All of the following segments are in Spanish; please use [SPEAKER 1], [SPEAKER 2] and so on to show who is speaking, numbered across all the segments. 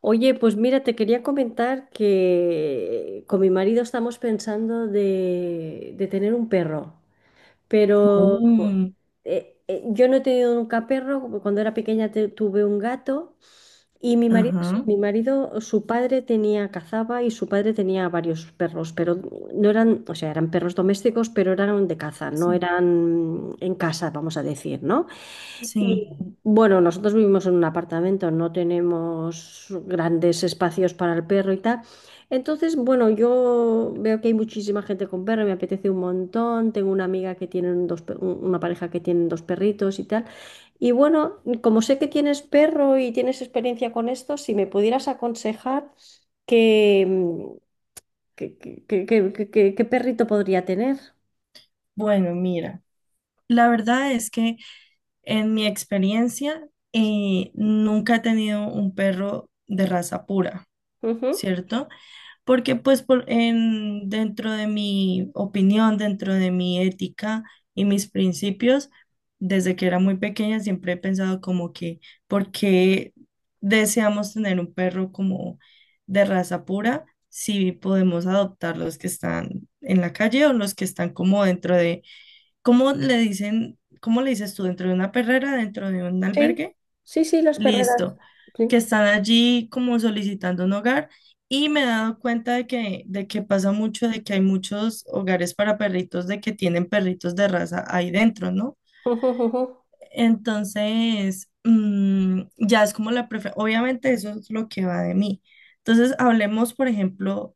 [SPEAKER 1] Oye, pues mira, te quería comentar que con mi marido estamos pensando de tener un perro, pero
[SPEAKER 2] Uh,
[SPEAKER 1] yo no he tenido nunca perro. Cuando era pequeña tuve un gato, y mi marido, sí,
[SPEAKER 2] ajá,
[SPEAKER 1] mi marido, su padre tenía, cazaba, y su padre tenía varios perros, pero no eran, o sea, eran perros domésticos, pero eran de caza, no
[SPEAKER 2] sí,
[SPEAKER 1] eran en casa, vamos a decir, ¿no?
[SPEAKER 2] sí.
[SPEAKER 1] Bueno, nosotros vivimos en un apartamento, no tenemos grandes espacios para el perro y tal. Entonces, bueno, yo veo que hay muchísima gente con perro, me apetece un montón. Tengo una amiga que tiene dos, una pareja que tienen dos perritos y tal. Y bueno, como sé que tienes perro y tienes experiencia con esto, si me pudieras aconsejar que, qué perrito podría tener.
[SPEAKER 2] Bueno, mira, la verdad es que en mi experiencia nunca he tenido un perro de raza pura,
[SPEAKER 1] Ujú.
[SPEAKER 2] ¿cierto? Porque pues dentro de mi opinión, dentro de mi ética y mis principios, desde que era muy pequeña siempre he pensado como que, ¿por qué deseamos tener un perro como de raza pura si podemos adoptar los que están en la calle o los que están como ¿cómo le dicen, cómo le dices tú, dentro de una perrera, dentro de un
[SPEAKER 1] Sí,
[SPEAKER 2] albergue?
[SPEAKER 1] sí, sí, las perreras.
[SPEAKER 2] Listo, que
[SPEAKER 1] Sí.
[SPEAKER 2] están allí como solicitando un hogar y me he dado cuenta de que pasa mucho, de que hay muchos hogares para perritos, de que tienen perritos de raza ahí dentro, ¿no? Entonces, ya es como la preferencia, obviamente eso es lo que va de mí. Entonces, hablemos, por ejemplo,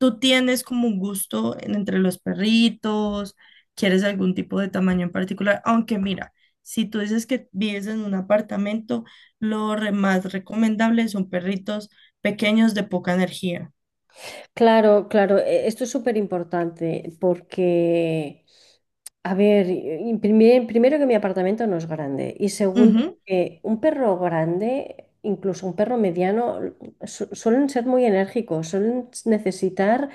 [SPEAKER 2] ¿tú tienes como un gusto entre los perritos? ¿Quieres algún tipo de tamaño en particular? Aunque mira, si tú dices que vives en un apartamento, más recomendable son perritos pequeños de poca energía.
[SPEAKER 1] Claro, claro, esto es súper importante porque, a ver, y primero, que mi apartamento no es grande, y segundo,
[SPEAKER 2] Ujú,
[SPEAKER 1] que un perro grande, incluso un perro mediano, suelen ser muy enérgicos, suelen necesitar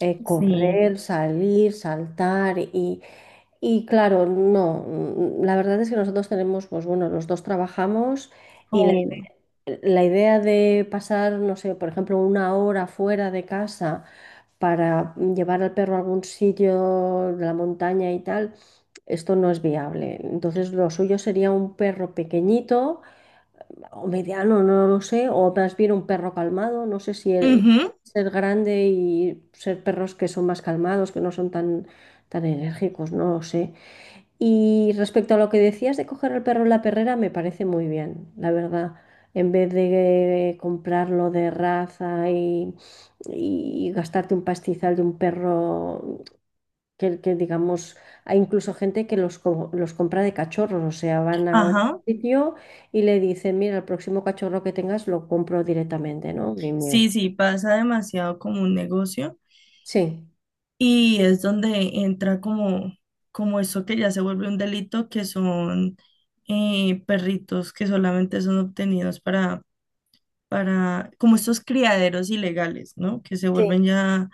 [SPEAKER 2] sí.
[SPEAKER 1] correr, salir, saltar y claro, no, la verdad es que nosotros tenemos, pues bueno, los dos trabajamos.
[SPEAKER 2] Oh.
[SPEAKER 1] La idea de pasar, no sé, por ejemplo, una hora fuera de casa para llevar al perro a algún sitio, la montaña y tal, esto no es viable. Entonces, lo suyo sería un perro pequeñito o mediano, no lo sé, o más bien un perro calmado, no sé si
[SPEAKER 2] Ujú,
[SPEAKER 1] ser grande y ser perros que son más calmados, que no son tan, tan enérgicos, no lo sé. Y respecto a lo que decías de coger al perro en la perrera, me parece muy bien, la verdad. En vez de comprarlo de raza y gastarte un pastizal de un perro que, digamos, hay incluso gente que los, los compra de cachorros, o sea, van a un
[SPEAKER 2] ajá.
[SPEAKER 1] sitio y le dicen, mira, el próximo cachorro que tengas lo compro directamente, ¿no?
[SPEAKER 2] Sí, sí, pasa demasiado como un negocio
[SPEAKER 1] Sí.
[SPEAKER 2] y es donde entra como, como eso que ya se vuelve un delito, que son perritos que solamente son obtenidos para, como estos criaderos ilegales, ¿no? Que se
[SPEAKER 1] Sí.
[SPEAKER 2] vuelven ya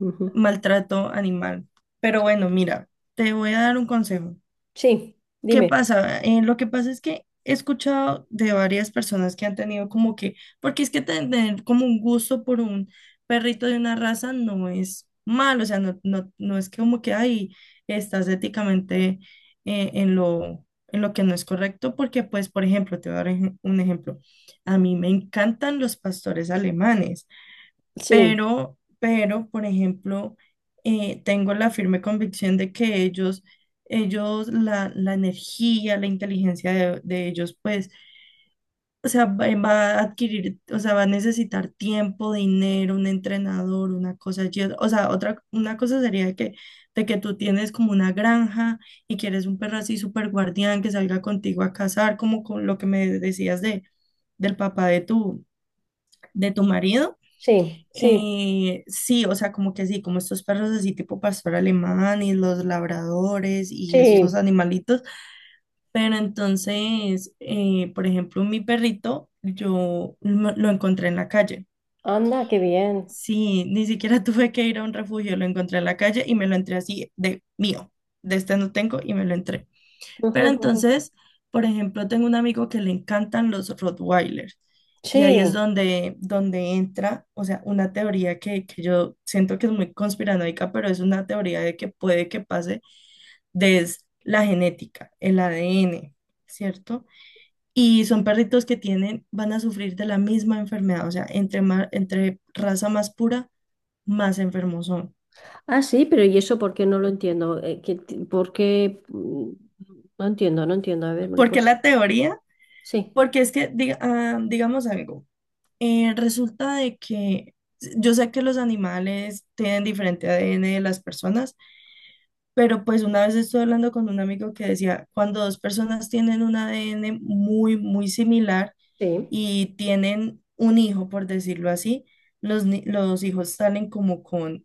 [SPEAKER 1] Ujú.
[SPEAKER 2] maltrato animal. Pero bueno, mira, te voy a dar un consejo.
[SPEAKER 1] Sí,
[SPEAKER 2] ¿Qué
[SPEAKER 1] dime.
[SPEAKER 2] pasa? Lo que pasa es que he escuchado de varias personas que han tenido como que, porque es que tener como un gusto por un perrito de una raza no es malo, o sea, no, no, no es que como que ahí estás éticamente en en lo que no es correcto, porque pues, por ejemplo, te voy a dar un ejemplo. A mí me encantan los pastores alemanes
[SPEAKER 1] Sí,
[SPEAKER 2] pero, por ejemplo, tengo la firme convicción de que ellos, la energía, la inteligencia de ellos, pues, o sea, va a adquirir, o sea, va a necesitar tiempo, dinero, un entrenador, una cosa, y una cosa sería de que tú tienes como una granja y quieres un perro así súper guardián que salga contigo a cazar, como con lo que me decías del papá de tu marido.
[SPEAKER 1] sí, sí,
[SPEAKER 2] Sí, o sea, como que sí, como estos perros así tipo pastor alemán y los labradores y estos
[SPEAKER 1] sí.
[SPEAKER 2] animalitos, pero entonces, por ejemplo, mi perrito, yo lo encontré en la calle.
[SPEAKER 1] Anda, qué bien.
[SPEAKER 2] Sí, ni siquiera tuve que ir a un refugio, lo encontré en la calle y me lo entré así de mío, de este no tengo y me lo entré.
[SPEAKER 1] Ujú,
[SPEAKER 2] Pero
[SPEAKER 1] ujú.
[SPEAKER 2] entonces, por ejemplo, tengo un amigo que le encantan los Rottweilers y ahí es
[SPEAKER 1] Sí.
[SPEAKER 2] donde, donde entra, o sea, una teoría que yo siento que es muy conspiranoica, pero es una teoría de que puede que pase desde la genética, el ADN, ¿cierto? Y son perritos que tienen, van a sufrir de la misma enfermedad, o sea, entre raza más pura, más enfermos son.
[SPEAKER 1] Ah, sí, pero ¿y eso por qué? No lo entiendo. ¿Por qué? No entiendo, no entiendo. A ver, ¿me lo
[SPEAKER 2] ¿Por qué
[SPEAKER 1] puedes-
[SPEAKER 2] la teoría?
[SPEAKER 1] Sí,
[SPEAKER 2] Porque es que, digamos algo. Resulta de que yo sé que los animales tienen diferente ADN de las personas, pero pues una vez estuve hablando con un amigo que decía, cuando dos personas tienen un ADN muy, muy similar
[SPEAKER 1] sí.
[SPEAKER 2] y tienen un hijo, por decirlo así, los, ni- los hijos salen como con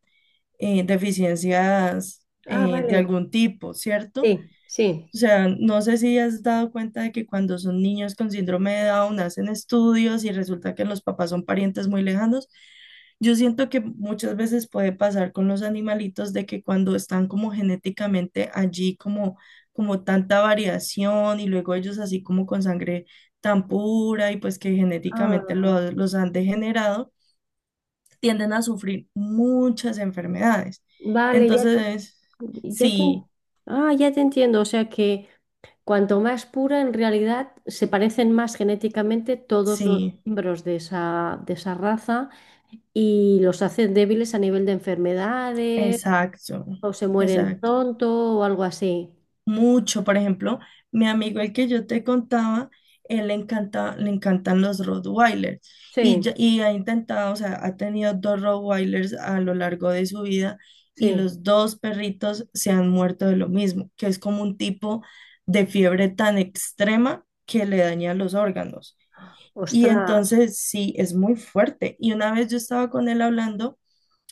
[SPEAKER 2] deficiencias
[SPEAKER 1] Ah,
[SPEAKER 2] de
[SPEAKER 1] vale.
[SPEAKER 2] algún tipo, ¿cierto?
[SPEAKER 1] Sí, sí.
[SPEAKER 2] O sea, no sé si has dado cuenta de que cuando son niños con síndrome de Down hacen estudios y resulta que los papás son parientes muy lejanos. Yo siento que muchas veces puede pasar con los animalitos de que cuando están como genéticamente allí, como, como tanta variación y luego ellos así como con sangre tan pura y pues que genéticamente
[SPEAKER 1] Ah,
[SPEAKER 2] los han degenerado, tienden a sufrir muchas enfermedades.
[SPEAKER 1] vale,
[SPEAKER 2] Entonces,
[SPEAKER 1] ya te-
[SPEAKER 2] sí,
[SPEAKER 1] ah, ya te entiendo. O sea que cuanto más pura, en realidad se parecen más genéticamente todos los
[SPEAKER 2] sí.
[SPEAKER 1] miembros de esa raza, y los hacen débiles a nivel de enfermedades,
[SPEAKER 2] Exacto,
[SPEAKER 1] o se mueren
[SPEAKER 2] exacto.
[SPEAKER 1] pronto o algo así.
[SPEAKER 2] Mucho, por ejemplo, mi amigo el que yo te contaba, él le encanta, le encantan los Rottweilers
[SPEAKER 1] Sí.
[SPEAKER 2] y ha intentado, o sea, ha tenido dos Rottweilers a lo largo de su vida y
[SPEAKER 1] Sí,
[SPEAKER 2] los dos perritos se han muerto de lo mismo, que es como un tipo de fiebre tan extrema que le daña los órganos. Y
[SPEAKER 1] ostras,
[SPEAKER 2] entonces sí, es muy fuerte. Y una vez yo estaba con él hablando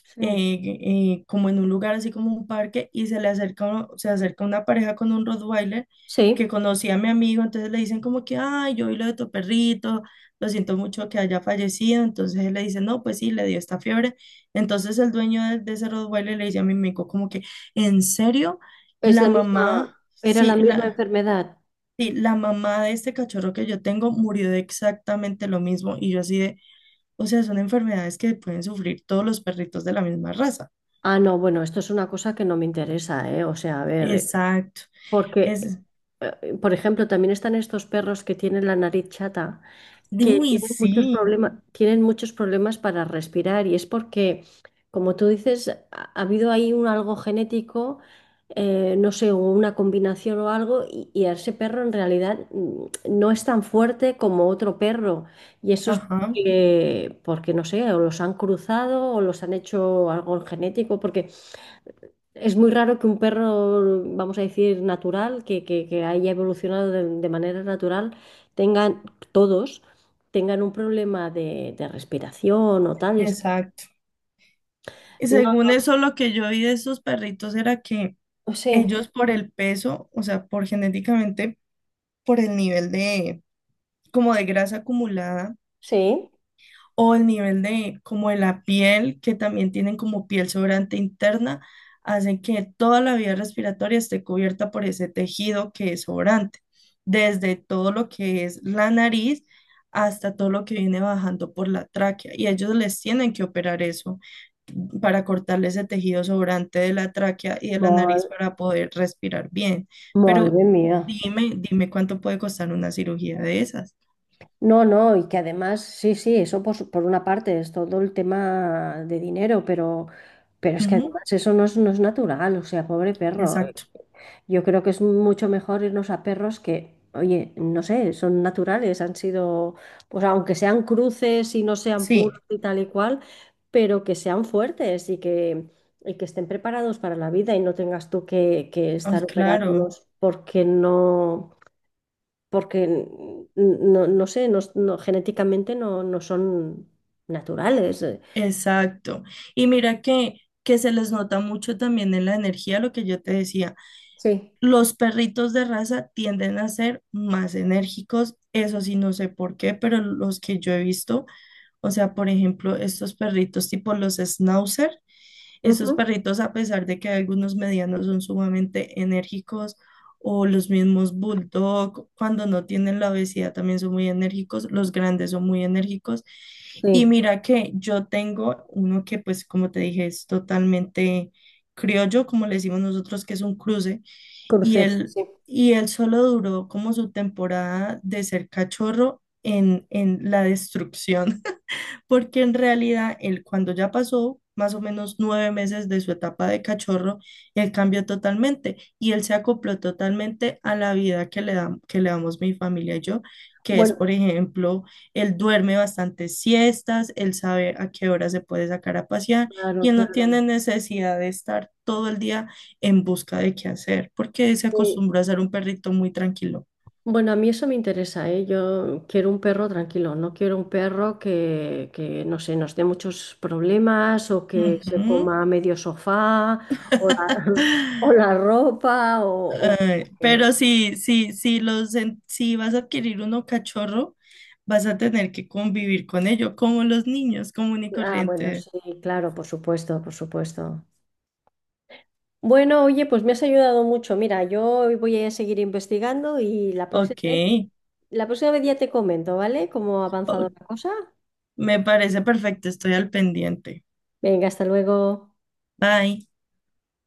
[SPEAKER 1] sí,
[SPEAKER 2] como en un lugar así como un parque y se le acerca, uno- se acerca una pareja con un Rottweiler que
[SPEAKER 1] sí,
[SPEAKER 2] conocía a mi amigo, entonces le dicen como que, ay, yo vi lo de tu perrito, lo siento mucho que haya fallecido, entonces él le dice, no, pues sí, le dio esta fiebre, entonces el dueño de ese Rottweiler le dice a mi amigo como que, ¿en serio?
[SPEAKER 1] es
[SPEAKER 2] La
[SPEAKER 1] la misma,
[SPEAKER 2] mamá,
[SPEAKER 1] era la
[SPEAKER 2] sí,
[SPEAKER 1] misma
[SPEAKER 2] la...
[SPEAKER 1] enfermedad.
[SPEAKER 2] Sí, la mamá de este cachorro que yo tengo murió de exactamente lo mismo y yo así de, o sea, son enfermedades que pueden sufrir todos los perritos de la misma raza.
[SPEAKER 1] Ah, no, bueno, esto es una cosa que no me interesa, ¿eh? O sea, a ver,
[SPEAKER 2] Exacto.
[SPEAKER 1] porque,
[SPEAKER 2] Es,
[SPEAKER 1] por ejemplo, también están estos perros que tienen la nariz chata, que
[SPEAKER 2] uy, sí.
[SPEAKER 1] tienen muchos problemas para respirar, y es porque, como tú dices, ha habido ahí un algo genético, no sé, una combinación o algo, y a ese perro en realidad no es tan fuerte como otro perro. Y eso es
[SPEAKER 2] Ajá,
[SPEAKER 1] porque, porque, no sé, o los han cruzado o los han hecho algo genético, porque es muy raro que un perro, vamos a decir, natural, que, que haya evolucionado de manera natural, tengan todos, tengan un problema de respiración o tal. Es-
[SPEAKER 2] exacto. Y
[SPEAKER 1] no,
[SPEAKER 2] según eso, lo que yo vi de esos perritos era que
[SPEAKER 1] sí,
[SPEAKER 2] ellos por el peso, o sea, por genéticamente, por el nivel de, como de grasa acumulada,
[SPEAKER 1] sí.
[SPEAKER 2] o el nivel de como de la piel, que también tienen como piel sobrante interna, hacen que toda la vía respiratoria esté cubierta por ese tejido que es sobrante, desde todo lo que es la nariz hasta todo lo que viene bajando por la tráquea. Y ellos les tienen que operar eso para cortarle ese tejido sobrante de la tráquea y de la
[SPEAKER 1] Ma-
[SPEAKER 2] nariz para poder respirar bien. Pero
[SPEAKER 1] Madre mía.
[SPEAKER 2] dime, dime cuánto puede costar una cirugía de esas.
[SPEAKER 1] No, no, y que además, sí, sí, eso por, por una parte es todo el tema de dinero, pero es que
[SPEAKER 2] Ujú,
[SPEAKER 1] además eso no es, no es natural, o sea, pobre perro.
[SPEAKER 2] exacto.
[SPEAKER 1] Yo creo que es mucho mejor irnos a perros que, oye, no sé, son naturales, han sido, pues aunque sean cruces y no sean puros
[SPEAKER 2] Sí,
[SPEAKER 1] y tal y cual, pero que sean fuertes y que estén preparados para la vida, y no tengas tú que
[SPEAKER 2] ah,
[SPEAKER 1] estar
[SPEAKER 2] claro,
[SPEAKER 1] operándolos, porque no, porque no, no sé, genéticamente no, no son naturales.
[SPEAKER 2] exacto. Y mira que se les nota mucho también en la energía, lo que yo te decía.
[SPEAKER 1] Sí.
[SPEAKER 2] Los perritos de raza tienden a ser más enérgicos, eso sí, no sé por qué, pero los que yo he visto, o sea, por ejemplo, estos perritos tipo los Schnauzer. Estos
[SPEAKER 1] Ujú.
[SPEAKER 2] perritos, a pesar de que algunos medianos son sumamente enérgicos, o los mismos bulldog, cuando no tienen la obesidad también son muy enérgicos, los grandes son muy enérgicos. Y
[SPEAKER 1] Sí,
[SPEAKER 2] mira que yo tengo uno que, pues, como te dije, es totalmente criollo, como le decimos nosotros, que es un cruce, y
[SPEAKER 1] cruces,
[SPEAKER 2] él,
[SPEAKER 1] sí.
[SPEAKER 2] y él solo duró como su temporada de ser cachorro en la destrucción porque en realidad él cuando ya pasó más o menos 9 meses de su etapa de cachorro, él cambió totalmente y él se acopló totalmente a la vida que que le damos mi familia y yo, que es,
[SPEAKER 1] Bueno,
[SPEAKER 2] por ejemplo, él duerme bastantes siestas, él sabe a qué hora se puede sacar a pasear y
[SPEAKER 1] claro,
[SPEAKER 2] él no
[SPEAKER 1] claro.
[SPEAKER 2] tiene necesidad de estar todo el día en busca de qué hacer, porque se
[SPEAKER 1] Sí.
[SPEAKER 2] acostumbró a ser un perrito muy tranquilo.
[SPEAKER 1] Bueno, a mí eso me interesa, ¿eh? Yo quiero un perro tranquilo, no quiero un perro que, no sé, nos dé muchos problemas, o que se
[SPEAKER 2] Ujú.
[SPEAKER 1] coma medio sofá o la, o la ropa o
[SPEAKER 2] Ay,
[SPEAKER 1] que-
[SPEAKER 2] pero sí, sí, sí los, si vas a adquirir uno cachorro, vas a tener que convivir con ello, como los niños, común y
[SPEAKER 1] Ah, bueno,
[SPEAKER 2] corriente.
[SPEAKER 1] sí, claro, por supuesto, por supuesto. Bueno, oye, pues me has ayudado mucho. Mira, yo voy a seguir investigando, y
[SPEAKER 2] Ok,
[SPEAKER 1] la próxima vez ya te comento, ¿vale? Cómo ha avanzado
[SPEAKER 2] o-
[SPEAKER 1] la cosa.
[SPEAKER 2] me parece perfecto, estoy al pendiente.
[SPEAKER 1] Venga, hasta luego.
[SPEAKER 2] Bye.